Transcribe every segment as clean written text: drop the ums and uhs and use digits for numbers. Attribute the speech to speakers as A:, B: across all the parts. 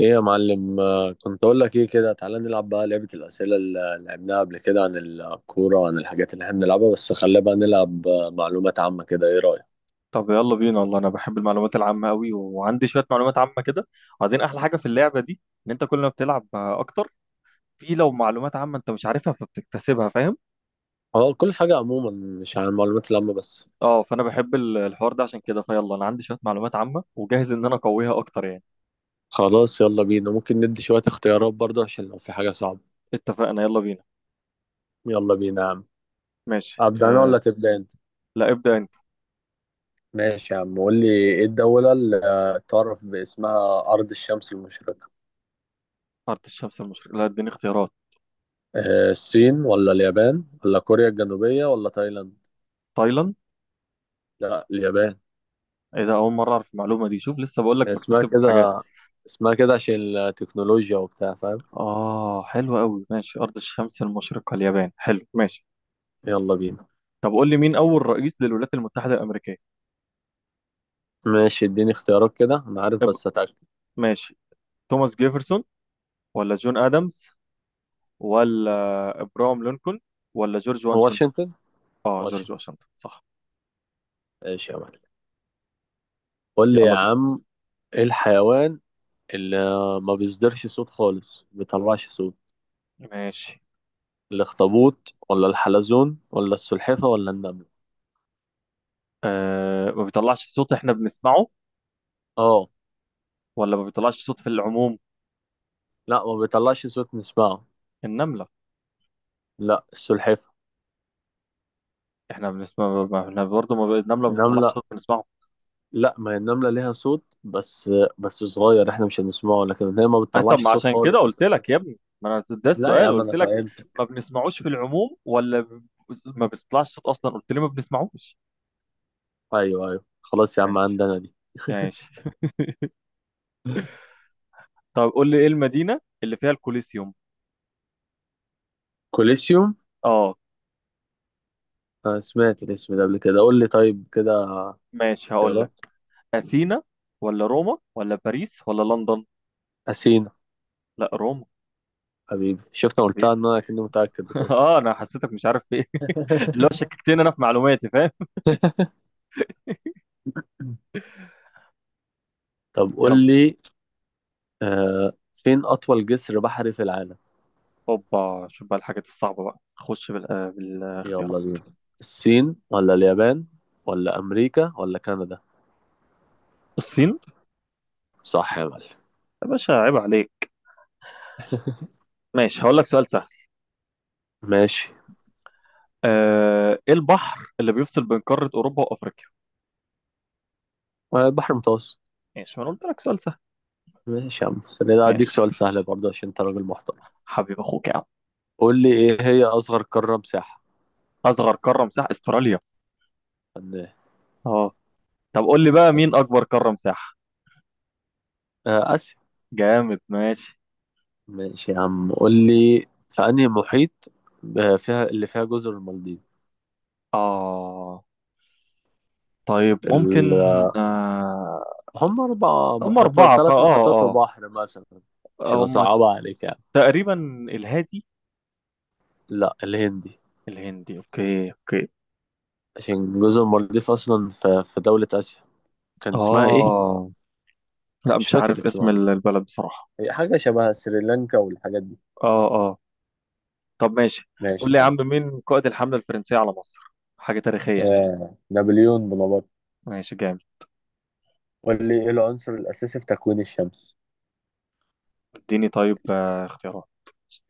A: ايه يا معلم؟ آه، كنت اقول لك ايه كده، تعالى نلعب بقى لعبة الأسئلة اللي لعبناها قبل كده عن الكورة وعن الحاجات اللي احنا بنلعبها، بس خلينا بقى نلعب معلومات عامة كده، ايه رأيك؟
B: طب يلا بينا، والله انا بحب المعلومات العامه قوي وعندي شويه معلومات عامه كده. وبعدين احلى حاجه في اللعبه دي ان انت كل ما بتلعب اكتر في، لو معلومات عامه انت مش عارفها فبتكتسبها، فاهم.
A: هو كل حاجة عموما، مش عن المعلومات العامة بس.
B: اه، فانا بحب الحوار ده، عشان كده فيلا انا عندي شويه معلومات عامه وجاهز ان انا اقويها اكتر يعني.
A: خلاص يلا بينا، ممكن ندي شوية اختيارات برضه عشان لو في حاجة صعبة.
B: اتفقنا، يلا بينا.
A: يلا بينا يا عم.
B: ماشي
A: أبدأ أنا
B: آه.
A: ولا تبدأ أنت؟
B: لا ابدا انت.
A: ماشي يا عم، قول لي ايه الدولة اللي تعرف باسمها أرض الشمس المشرقة؟
B: ارض الشمس المشرقه، لا اديني اختيارات.
A: آه، الصين ولا اليابان ولا كوريا الجنوبية ولا تايلاند؟
B: تايلاند.
A: لا، اليابان.
B: ايه ده، اول مره اعرف المعلومه دي، شوف لسه بقول لك
A: اسمها
B: بكتسب حاجات.
A: كده، اسمها كده عشان التكنولوجيا وبتاع، فاهم.
B: اه حلو قوي، ماشي، ارض الشمس المشرقه اليابان، حلو ماشي.
A: يلا بينا.
B: طب قول لي، مين أول رئيس للولايات المتحدة الأمريكية؟
A: ماشي، اديني اختيارات كده، انا عارف
B: إب...
A: بس اتاكد.
B: ماشي. توماس جيفرسون، ولا جون آدمز، ولا إبراهام لينكولن، ولا جورج واشنطن؟
A: واشنطن.
B: آه جورج
A: واشنطن.
B: واشنطن صح.
A: ماشي يا معلم، قول لي يا
B: يلا
A: عم. ايه الحيوان اللي ما بيصدرش صوت خالص، ما بيطلعش صوت؟
B: بينا. ماشي
A: الاخطبوط ولا الحلزون ولا السلحفة ولا النملة؟
B: آه. ما بيطلعش صوت إحنا بنسمعه،
A: اه.
B: ولا ما بيطلعش صوت في العموم؟
A: لا، ما بيطلعش صوت نسمعه.
B: النملة.
A: لا، السلحفة.
B: إحنا بنسمع ما- إحنا برضه ما... ب- النملة ما بتطلعش
A: النملة؟
B: صوت بنسمعه.
A: لا، ما هي النملة ليها صوت، بس بس صغير احنا مش هنسمعه، لكن هي ما
B: أي طب
A: بتطلعش
B: ما
A: صوت
B: عشان كده
A: خالص،
B: قلت
A: السلحفة.
B: لك يا ابني، ما أنا ده
A: لا يا
B: السؤال
A: عم انا
B: قلت لك.
A: فهمت.
B: ما بنسمعوش في العموم، ما بيطلعش صوت أصلا، قلت لي ما بنسمعوش.
A: ايوه، ايوه، خلاص يا عم
B: ماشي.
A: عندنا دي.
B: ماشي. طب قول لي، ايه المدينة اللي فيها الكوليسيوم؟
A: كوليسيوم.
B: اه.
A: انا سمعت الاسم ده قبل كده، قول لي طيب كده.
B: ماشي هقول لك.
A: اختيارات.
B: اثينا، ولا روما، ولا باريس، ولا لندن.
A: اثينا.
B: لا روما.
A: حبيبي، شفت انا قلتها،
B: حبيبي.
A: ان انا كنت متاكد وكده.
B: اه انا حسيتك مش عارف في ايه. اللي هو شككتني انا في معلوماتي، فاهم.
A: طب
B: يلا.
A: قول لي، آه فين اطول جسر بحري في العالم؟
B: اوبا، شوف بقى الحاجات الصعبة بقى، خش
A: يلا
B: بالاختيارات.
A: بينا. الصين ولا اليابان ولا امريكا ولا كندا؟
B: الصين.
A: صح يا معلم.
B: يا باشا عيب عليك. ماشي هقول لك سؤال سهل.
A: ماشي.
B: ايه البحر اللي بيفصل بين قارة اوروبا وافريقيا؟
A: آه، البحر المتوسط.
B: ماشي، ما انا قلت لك سؤال سهل.
A: ماشي يا عم، بس أنا ده اديك
B: ماشي.
A: سؤال سهل برضه عشان انت راجل محترم.
B: حبيب اخوك يا عم.
A: قول لي ايه هي اصغر قاره مساحه؟
B: اصغر قارة مساحة استراليا.
A: فنان.
B: اه. طب قول لي بقى، مين اكبر قارة مساحة؟
A: آه، آسيا.
B: جامد ماشي.
A: ماشي يا عم، قول لي في أنهي محيط فيها اللي فيها جزر المالديف؟
B: اه طيب
A: ال...
B: ممكن. آه.
A: هم أربع
B: هم
A: محيطات،
B: أربعة فا
A: ثلاث محيطات
B: اه.
A: وبحر مثلا. عشان
B: اه هم.
A: أصعبها عليك يعني.
B: تقريبا. الهادي.
A: لا، الهندي.
B: الهندي، اوكي اوكي.
A: عشان جزر المالديف أصلا في دولة آسيا، كان اسمها إيه؟
B: اه. لا
A: مش
B: مش
A: فاكر
B: عارف
A: اسمها
B: اسم
A: والله.
B: البلد بصراحة.
A: هي حاجة شبه سريلانكا والحاجات دي.
B: اه اه. طب ماشي. قول
A: ماشي
B: لي
A: يا
B: يا
A: عم.
B: عم، مين قائد الحملة الفرنسية على مصر؟ حاجة تاريخية اهي.
A: نابليون بونابرت.
B: ماشي جامد.
A: قول لي إيه العنصر الأساسي في تكوين الشمس؟
B: اديني طيب اختيارات.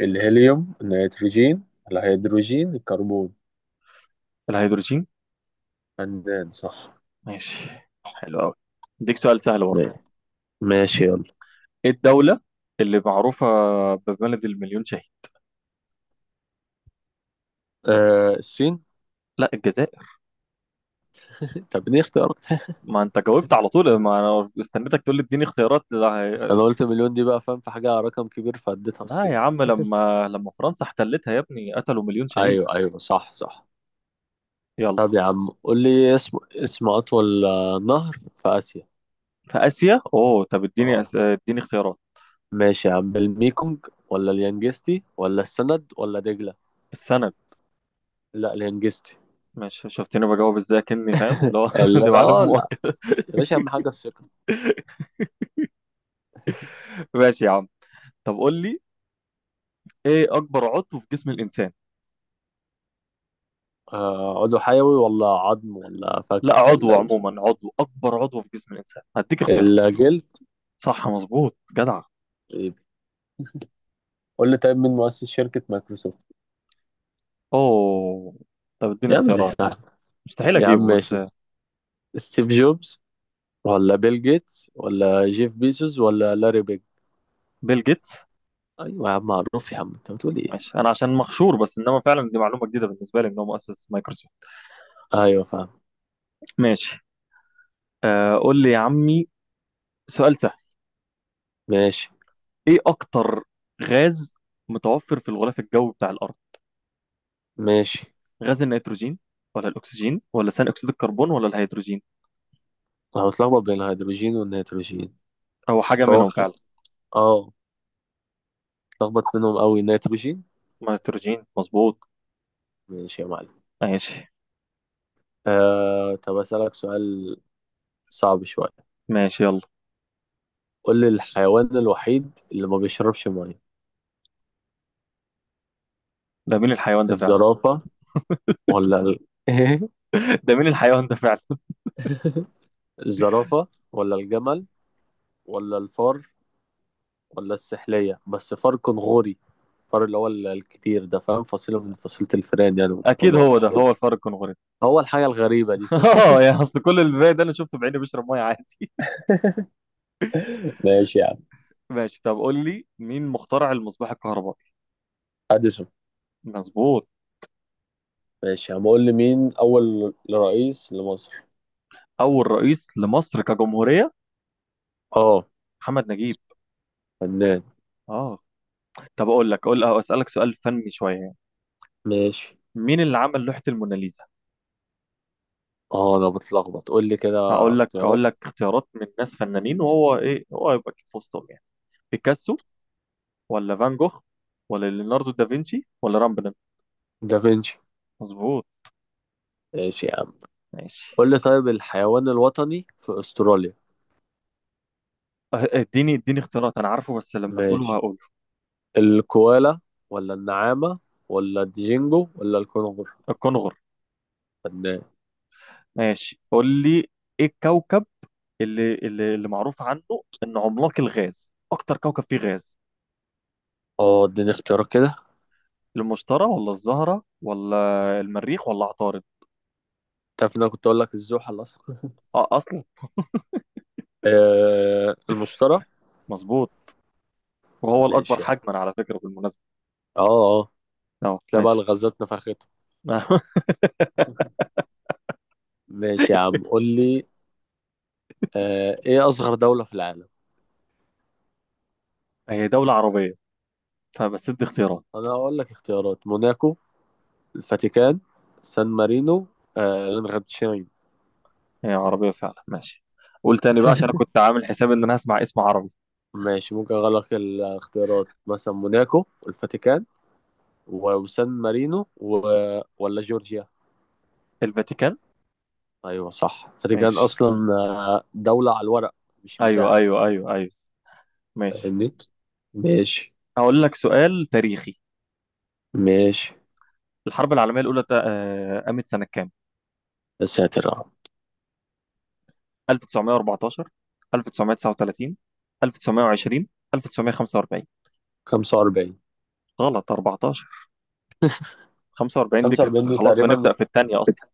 A: الهيليوم، النيتروجين، الهيدروجين، الكربون؟
B: الهيدروجين.
A: فنان، صح.
B: ماشي حلو قوي. اديك سؤال سهل برضه.
A: ما- ماشي يلا.
B: ايه الدولة اللي معروفة ببلد المليون شهيد؟
A: آه، الصين.
B: لا الجزائر.
A: طب ليه اختيارك ده؟
B: ما انت جاوبت على طول، ما انا استنيتك تقول لي اديني اختيارات.
A: انا قلت مليون دي بقى، فاهم، في حاجة رقم كبير، فاديتها
B: لا
A: الصين.
B: يا عم، لما فرنسا احتلتها يا ابني قتلوا مليون شهيد.
A: ايوه، ايوه، صح، صح.
B: يلا.
A: طب يا عم قول لي اسم اطول نهر في اسيا.
B: في اسيا اوه، طب
A: اه.
B: اديني اختيارات.
A: ماشي يا عم، الميكونج ولا اليانجستي ولا السند ولا دجلة؟
B: السند.
A: لا، اليانجستي.
B: ماشي، شفتني بجاوب ازاي كني فاهم؟ لا
A: لا،
B: دي معلومة
A: لا، لا،
B: مؤكدة.
A: يا باشا اهم حاجة الثقة.
B: ماشي يا عم. طب قول لي، ايه اكبر عضو في جسم الانسان؟
A: آه، عضو حيوي ولا عظم ولا فك
B: لا عضو
A: ولا؟
B: عموما، عضو، اكبر عضو في جسم الانسان، هديك
A: ايه،
B: اختيار.
A: الجلد.
B: صح، مظبوط جدع.
A: طيب. قول لي طيب مين مؤسس شركة مايكروسوفت؟
B: اوه، طب اديني
A: يا عم دي
B: اختيارات،
A: سهلة.
B: مستحيل
A: يا عم
B: اجيبه بس.
A: ماشي. ستيف جوبز ولا بيل جيتس ولا جيف بيزوس ولا لاري بيج؟
B: بيل جيتس.
A: ايوه يا عم، معروف يا عم، انت بتقول ايه.
B: ماشي، انا عشان مخشور بس، انما فعلا دي معلومه جديده بالنسبه لي ان هو مؤسس مايكروسوفت.
A: ايوه فاهم.
B: ماشي. آه قول لي يا عمي، سؤال سهل.
A: ماشي.
B: ايه اكتر غاز متوفر في الغلاف الجوي بتاع الارض؟
A: ماشي.
B: غاز النيتروجين، ولا الاكسجين، ولا ثاني اكسيد الكربون، ولا الهيدروجين؟
A: انا بتلخبط بين الهيدروجين والنيتروجين،
B: او
A: بس
B: حاجه منهم
A: اتوقع.
B: فعلا.
A: اه. اتلخبط منهم قوي، نيتروجين.
B: نيتروجين. مظبوط.
A: ماشي يا معلم.
B: ماشي.
A: طب اسالك سؤال صعب شويه.
B: ماشي يلا.
A: قول لي الحيوان الوحيد اللي ما بيشربش ميه.
B: ده مين الحيوان ده فعلا؟
A: الزرافه ولا
B: ده مين الحيوان ده فعلا؟
A: الزرافه ولا الجمل ولا الفار ولا السحلية، بس فار كنغوري. فار اللي هو الكبير ده، فاهم، فصيلة من فصيلة الفئران يعني من
B: اكيد
A: الكنغر.
B: هو ده، هو الفار الكنغوري.
A: هو الحاجة الغريبة دي، فاهم.
B: اه يا اصل كل الباقي ده انا شفته بعيني بيشرب ميه عادي.
A: ماشي يا عم.
B: ماشي. طب قول لي، مين مخترع المصباح الكهربائي؟
A: اديسون.
B: مظبوط.
A: ماشي يا عم، قول لي مين اول رئيس لمصر.
B: اول رئيس لمصر كجمهوريه.
A: اه.
B: محمد نجيب.
A: فنان.
B: اه. طب اقول لك اسالك سؤال فني شويه يعني.
A: ماشي.
B: مين اللي عمل لوحه الموناليزا؟
A: اه، انا بتلخبط، قول لي كده.
B: هقول لك
A: اختيارات.
B: اقول لك اختيارات من ناس فنانين، وهو ايه، هو يبقى أكيد في وسطهم يعني. بيكاسو، ولا فان جوخ، ولا ليوناردو دافنشي، ولا رامبلن.
A: دافنشي.
B: مظبوط.
A: ماشي يا عم.
B: ماشي.
A: قول لي طيب الحيوان الوطني في استراليا.
B: اه، اديني اختيارات، انا عارفه بس لما تقوله
A: ماشي.
B: هقوله.
A: الكوالا ولا النعامة ولا الديجينجو ولا الكونغر؟
B: الكونغر.
A: فنان.
B: ماشي قول لي، ايه الكوكب اللي معروف عنه انه عملاق الغاز، اكتر كوكب فيه غاز؟
A: اه، اديني اختيارات كده.
B: المشتري، ولا الزهرة، ولا المريخ، ولا عطارد.
A: تعرف ان انا كنت اقول لك الزوحل اصلا.
B: اه اصلا.
A: آه، المشترى.
B: مظبوط. وهو الاكبر
A: ماشي يا عم.
B: حجما على فكرة بالمناسبة.
A: اه، اه،
B: اه
A: تلاقي بقى
B: ماشي.
A: الغازات نفختها. ماشي يا عم، قول لي، آه، ايه اصغر دولة في العالم؟
B: هي دولة عربية فبس، ادي اختيارات.
A: انا هقول لك اختيارات: موناكو، الفاتيكان، سان مارينو، آه، لانغتشاين.
B: هي عربية فعلا، ماشي. قول تاني بقى، عشان انا كنت عامل حساب ان انا هسمع اسم عربي.
A: ماشي، ممكن اغير لك الاختيارات مثلا موناكو، والفاتيكان، وسان مارينو ولا جورجيا.
B: الفاتيكان.
A: ايوه صح، الفاتيكان
B: ماشي.
A: اصلا. آه، دولة على الورق، مش
B: ايوه
A: مساحة.
B: ايوه ايوه ايوه. ماشي.
A: فاهمني. ماشي.
B: هقول لك سؤال تاريخي.
A: ماشي،
B: الحرب العالمية الاولى قامت سنة كام؟
A: يا ساتر يا رب.
B: 1914، 1939، 1920، 1945.
A: 45.
B: غلط، أربعة عشر. 45 دي كانت
A: 45 دي
B: خلاص بنبدأ
A: تقريبا.
B: في التانية أصلا.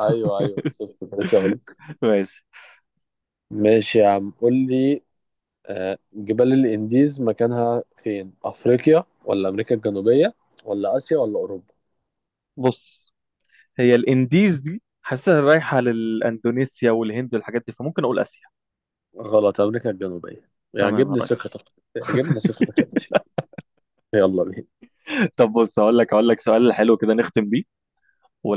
A: ايوه، ايوه، بالظبط كنت لسه اقول.
B: ماشي
A: ماشي يا عم، قول لي، آه، جبال الانديز مكانها فين، افريقيا ولا امريكا الجنوبيه ولا اسيا ولا اوروبا؟
B: بص. هي الإنديز دي حاسسها رايحة للأندونيسيا والهند والحاجات دي، فممكن أقول آسيا.
A: غلط، امريكا الجنوبيه.
B: تمام يا
A: يعجبني
B: ريس.
A: ثقتك. يعجبني ثقتك يا باشا. يلا بينا.
B: طب بص، هقول لك سؤال حلو كده نختم بيه،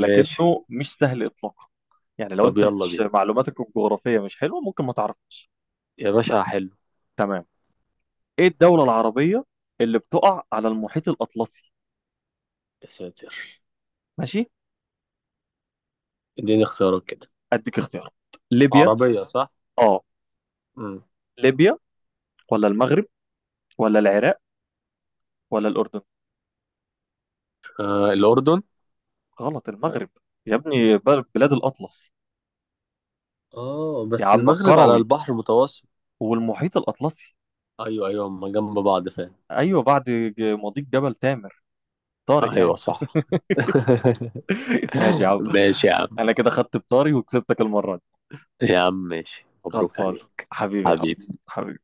A: ماشي.
B: مش سهل إطلاقا. يعني لو
A: طب
B: أنت
A: يلا
B: مش
A: بينا.
B: معلوماتك الجغرافية مش حلوة ممكن ما تعرفش.
A: يا باشا حلو.
B: تمام. إيه الدولة العربية اللي بتقع على المحيط الأطلسي؟
A: يا ساتر.
B: ماشي،
A: اديني اختيارات كده.
B: أديك اختيارات. ليبيا.
A: عربيه؟ صح.
B: آه.
A: امم
B: ليبيا، ولا المغرب، ولا العراق، ولا الأردن.
A: آه، الاردن.
B: غلط، المغرب يا ابني، بلاد الأطلس.
A: اه
B: يا
A: بس
B: عم
A: المغرب على
B: الكروي،
A: البحر المتوسط.
B: والمحيط الأطلسي.
A: ايوه، ايوه، هما جنب بعض فعلا.
B: أيوة بعد، مضيق جبل تامر طارق
A: ايوه
B: يعني.
A: صح.
B: ماشي يا عم.
A: ماشي يا عم.
B: أنا كده خدت بطاري وكسبتك المرة دي.
A: يا عم ماشي، مبروك
B: خلصان.
A: عليك.
B: حبيبي يا عم.
A: حبيبي.
B: حبيبي.